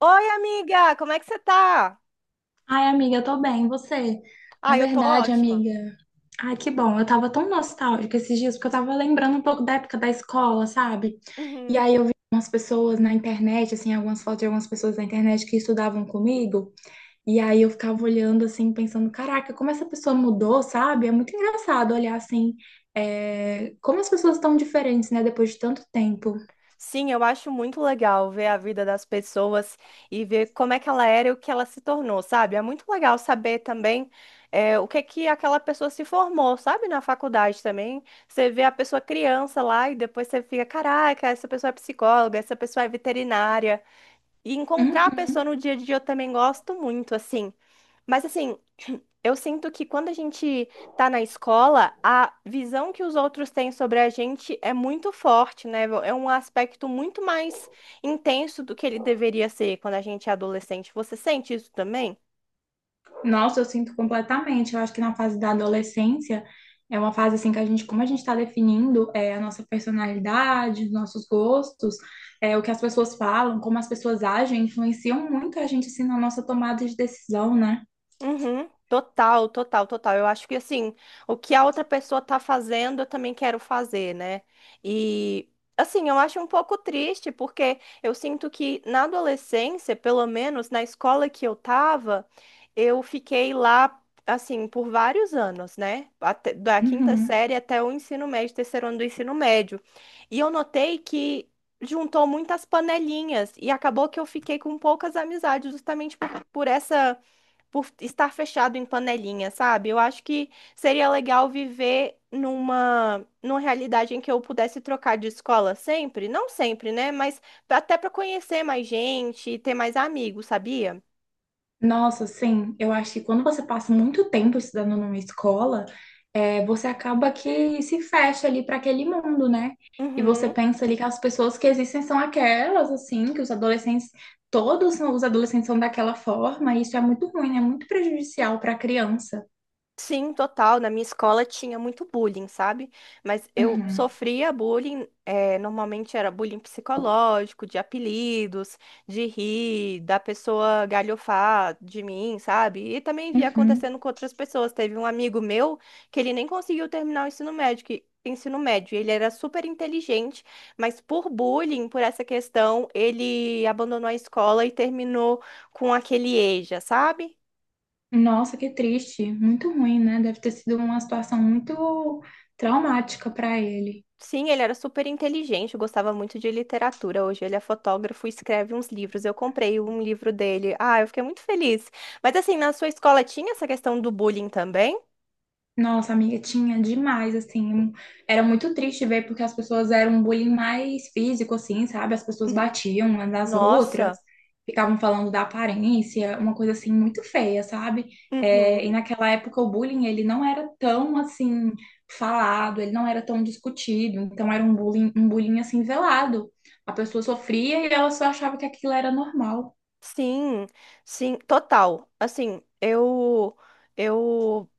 Oi, amiga, como é que você tá? Ai, amiga, eu tô bem, e você? Na Ah, eu tô verdade, ótima. amiga, ai, que bom, eu tava tão nostálgica esses dias, porque eu tava lembrando um pouco da época da escola, sabe? E Uhum. aí eu vi umas pessoas na internet, assim, algumas fotos de algumas pessoas na internet que estudavam comigo, e aí eu ficava olhando, assim, pensando, caraca, como essa pessoa mudou, sabe? É muito engraçado olhar, assim, como as pessoas estão diferentes, né, depois de tanto tempo. Sim, eu acho muito legal ver a vida das pessoas e ver como é que ela era e o que ela se tornou, sabe? É muito legal saber também o que que aquela pessoa se formou, sabe? Na faculdade também. Você vê a pessoa criança lá e depois você fica, caraca, essa pessoa é psicóloga, essa pessoa é veterinária. E encontrar a pessoa Uhum. no dia a dia eu também gosto muito, assim. Mas assim, eu sinto que quando a gente tá na escola, a visão que os outros têm sobre a gente é muito forte, né? É um aspecto muito mais intenso do que ele deveria ser quando a gente é adolescente. Você sente isso também? Nossa, eu sinto completamente. Eu acho que na fase da adolescência é uma fase assim que a gente, como a gente está definindo a nossa personalidade, os nossos gostos, o que as pessoas falam, como as pessoas agem, influenciam muito a gente assim na nossa tomada de decisão, né? Uhum. Total, total, total. Eu acho que assim, o que a outra pessoa tá fazendo, eu também quero fazer, né? E assim, eu acho um pouco triste, porque eu sinto que na adolescência, pelo menos na escola que eu tava, eu fiquei lá assim por vários anos, né? Até- da quinta Uhum. série até o ensino médio, terceiro ano do ensino médio. E eu notei que juntou muitas panelinhas e acabou que eu fiquei com poucas amizades justamente por essa por estar fechado em panelinha, sabe? Eu acho que seria legal viver numa realidade em que eu pudesse trocar de escola sempre, não sempre, né? Mas até para conhecer mais gente e ter mais amigos, sabia? Nossa, sim, eu acho que quando você passa muito tempo estudando numa escola, você acaba que se fecha ali para aquele mundo, né? E você Uhum. pensa ali que as pessoas que existem são aquelas, assim, que os adolescentes, os adolescentes são daquela forma, e isso é muito ruim, né? Muito prejudicial para a criança. Sim, total. Na minha escola tinha muito bullying, sabe? Mas eu Uhum, sofria bullying, normalmente era bullying psicológico, de apelidos, de rir, da pessoa galhofar de mim, sabe? E também via uhum. acontecendo com outras pessoas. Teve um amigo meu que ele nem conseguiu terminar o ensino médio, ensino médio. Ele era super inteligente, mas por bullying, por essa questão, ele abandonou a escola e terminou com aquele EJA, sabe? Nossa, que triste, muito ruim, né? Deve ter sido uma situação muito traumática para ele. Sim, ele era super inteligente, gostava muito de literatura. Hoje ele é fotógrafo e escreve uns livros. Eu comprei um livro dele. Ah, eu fiquei muito feliz. Mas assim, na sua escola tinha essa questão do bullying também? Nossa, amiga, tinha demais, assim. Era muito triste ver, porque as pessoas eram um bullying mais físico, assim, sabe? As pessoas Uhum. batiam umas nas outras, Nossa. ficavam falando da aparência, uma coisa, assim, muito feia, sabe? É, Uhum. e naquela época o bullying, ele não era tão, assim, falado, ele não era tão discutido. Então era um bullying, assim, velado. A pessoa sofria e ela só achava que aquilo era normal. Sim, sim, total. Assim, eu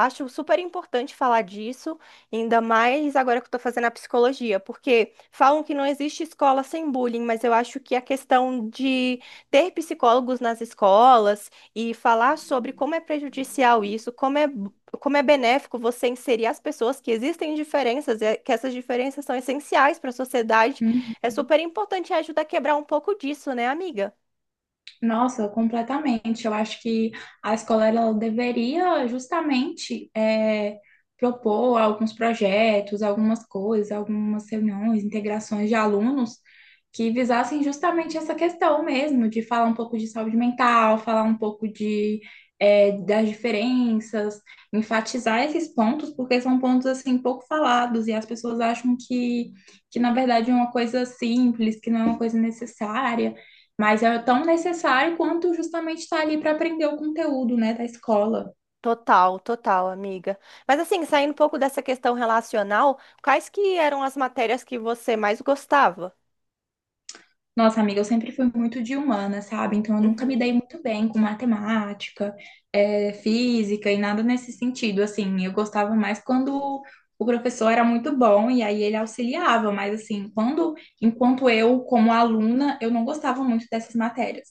Acho super importante falar disso, ainda mais agora que eu estou fazendo a psicologia, porque falam que não existe escola sem bullying, mas eu acho que a questão de ter psicólogos nas escolas e falar sobre como é prejudicial isso, como é benéfico você inserir as pessoas, que existem diferenças, que essas diferenças são essenciais para a sociedade, Uhum. é super importante e ajuda a quebrar um pouco disso, né, amiga? Nossa, completamente. Eu acho que a escola ela deveria justamente propor alguns projetos, algumas coisas, algumas reuniões, integrações de alunos que visassem justamente essa questão mesmo, de falar um pouco de saúde mental, falar um pouco de das diferenças, enfatizar esses pontos, porque são pontos assim pouco falados e as pessoas acham que na verdade é uma coisa simples, que não é uma coisa necessária, mas é tão necessário quanto justamente estar ali para aprender o conteúdo, né, da escola. Total, total, amiga. Mas assim, saindo um pouco dessa questão relacional, quais que eram as matérias que você mais gostava? Nossa, amiga, eu sempre fui muito de humana, sabe? Então eu nunca me Uhum. dei muito bem com matemática, física e nada nesse sentido. Assim, eu gostava mais quando o professor era muito bom e aí ele auxiliava, mas assim, quando, enquanto eu, como aluna, eu não gostava muito dessas matérias.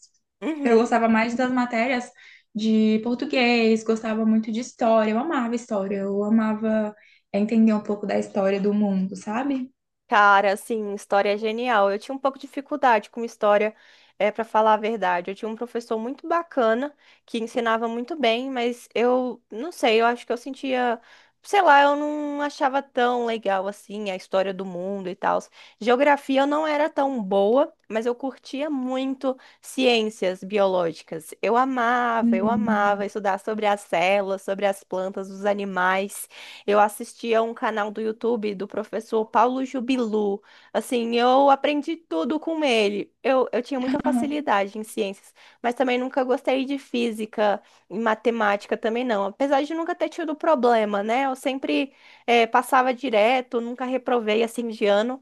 Eu Uhum. gostava mais das matérias de português, gostava muito de história, eu amava entender um pouco da história do mundo, sabe? Cara, assim, história é genial. Eu tinha um pouco de dificuldade com história, para falar a verdade. Eu tinha um professor muito bacana que ensinava muito bem, mas eu não sei, eu acho que eu sentia, sei lá, eu não achava tão legal assim a história do mundo e tal. Geografia eu não era tão boa, mas eu curtia muito ciências biológicas. Eu amava estudar sobre as células, sobre as plantas, os animais. Eu assistia um canal do YouTube do professor Paulo Jubilu. Assim, eu aprendi tudo com ele. Eu tinha muita Hum. facilidade em ciências, mas também nunca gostei de física e matemática também não. Apesar de nunca ter tido problema, né? Eu sempre passava direto, nunca reprovei assim de ano,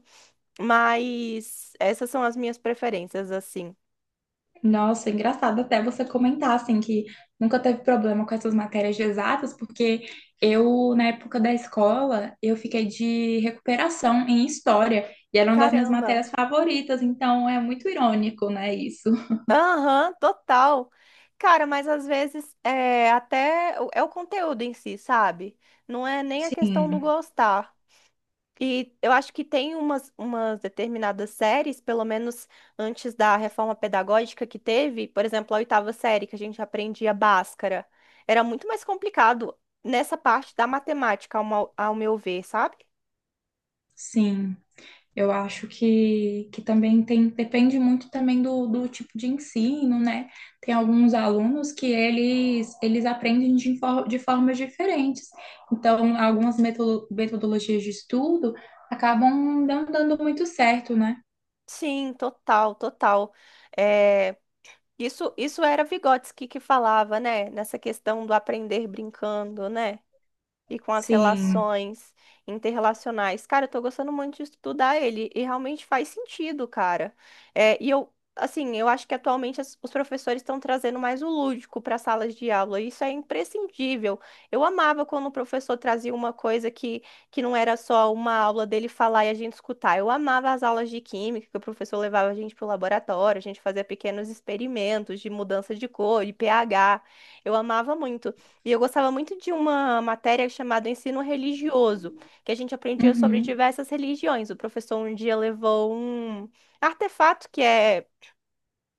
mas essas são as minhas preferências, assim. Nossa, é engraçado até você comentar assim que nunca teve problema com essas matérias de exatas, porque eu, na época da escola, eu fiquei de recuperação em história e era uma das minhas Caramba! matérias favoritas, então é muito irônico, né, isso? Aham, total. Cara, mas às vezes é é o conteúdo em si, sabe? Não é nem a questão do Sim, gostar. E eu acho que tem umas determinadas séries, pelo menos antes da reforma pedagógica que teve, por exemplo, a oitava série, que a gente aprendia Bhaskara. Era muito mais complicado nessa parte da matemática, ao meu ver, sabe? sim. Eu acho que também tem, depende muito também do tipo de ensino, né? Tem alguns alunos que eles aprendem de, de formas diferentes. Então, algumas metodologias de estudo acabam não dando muito certo, né? Sim, total, total. É, Isso era Vygotsky que falava, né? Nessa questão do aprender brincando, né? e com as Sim. relações interrelacionais. Cara, eu tô gostando muito de estudar ele e realmente faz sentido, cara. É, e eu, assim, eu acho que atualmente os professores estão trazendo mais o lúdico para salas de aula. E Isso é imprescindível. Eu amava quando o professor trazia uma coisa que não era só uma aula dele falar e a gente escutar. Eu amava as aulas de química, que o professor levava a gente para o laboratório, a gente fazia pequenos experimentos de mudança de cor, de pH. Eu amava muito. E eu gostava muito de uma matéria chamada Ensino Religioso, que a gente aprendia sobre Uhum. diversas religiões. O professor um dia levou um artefato que é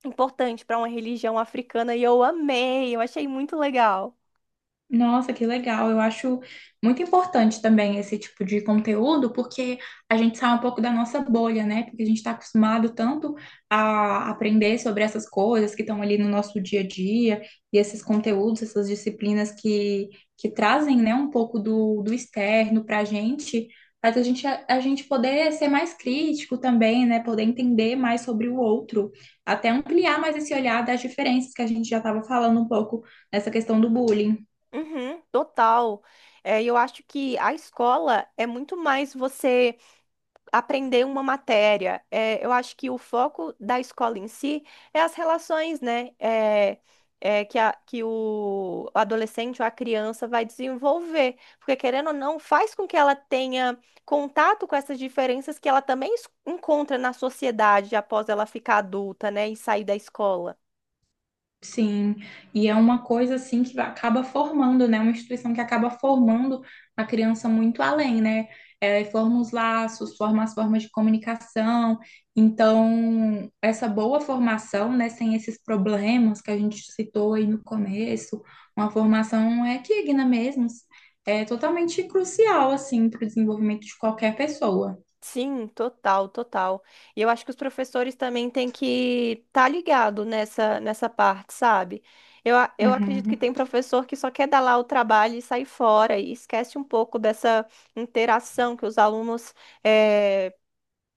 importante para uma religião africana e eu amei, eu achei muito legal. Nossa, que legal. Eu acho muito importante também esse tipo de conteúdo, porque a gente sai um pouco da nossa bolha, né? Porque a gente está acostumado tanto a aprender sobre essas coisas que estão ali no nosso dia a dia, e esses conteúdos, essas disciplinas que trazem, né, um pouco do externo para a gente, faz a gente poder ser mais crítico também, né? Poder entender mais sobre o outro, até ampliar mais esse olhar das diferenças que a gente já estava falando um pouco nessa questão do bullying. Uhum, total. É, e eu acho que a escola é muito mais você aprender uma matéria. É, eu acho que o foco da escola em si é as relações, né? Que o adolescente ou a criança vai desenvolver. Porque, querendo ou não, faz com que ela tenha contato com essas diferenças que ela também encontra na sociedade após ela ficar adulta, né? E sair da escola. Sim, e é uma coisa assim que acaba formando, né? Uma instituição que acaba formando a criança muito além, né? É, forma os laços, forma as formas de comunicação. Então, essa boa formação, né, sem esses problemas que a gente citou aí no começo, uma formação equigna mesmo, é totalmente crucial, assim, para o desenvolvimento de qualquer pessoa. Sim, total, total. E eu acho que os professores também têm que estar tá ligado nessa parte, sabe? Eu acredito que tem Uhum. professor que só quer dar lá o trabalho e sair fora e esquece um pouco dessa interação que os alunos eh,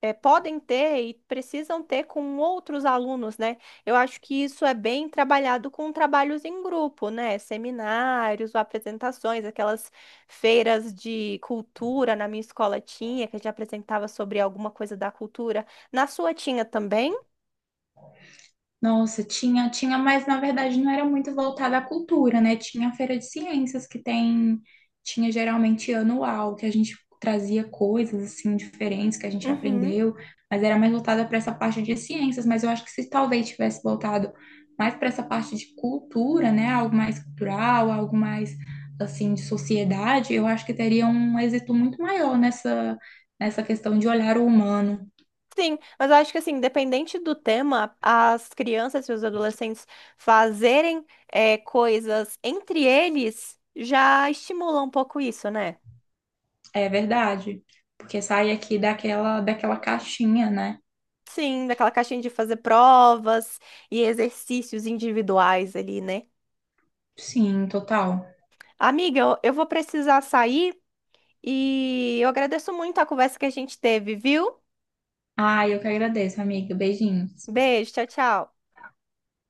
podem ter e precisam ter com outros alunos, né? Eu acho que isso é bem trabalhado com trabalhos em grupo, né? Seminários, apresentações, aquelas feiras de cultura na minha escola tinha, que a gente apresentava sobre alguma coisa da cultura. Na sua tinha também? Nossa, tinha, tinha, mas na verdade não era muito voltada à cultura, né? Tinha a Feira de Ciências que tem, tinha geralmente anual, que a gente trazia coisas assim diferentes que a gente Uhum. aprendeu, mas era mais voltada para essa parte de ciências, mas eu acho que se talvez tivesse voltado mais para essa parte de cultura, né? Algo mais cultural, algo mais assim de sociedade, eu acho que teria um êxito muito maior nessa nessa questão de olhar o humano. Sim, mas eu acho que assim, independente do tema, as crianças e os adolescentes fazerem coisas entre eles já estimula um pouco isso, né? É verdade, porque sai aqui daquela caixinha, né? Sim, daquela caixinha de fazer provas e exercícios individuais ali, né? Sim, total. Amiga, eu vou precisar sair e eu agradeço muito a conversa que a gente teve, viu? Ai, eu que agradeço, amiga. Beijinhos. Beijo, tchau, tchau.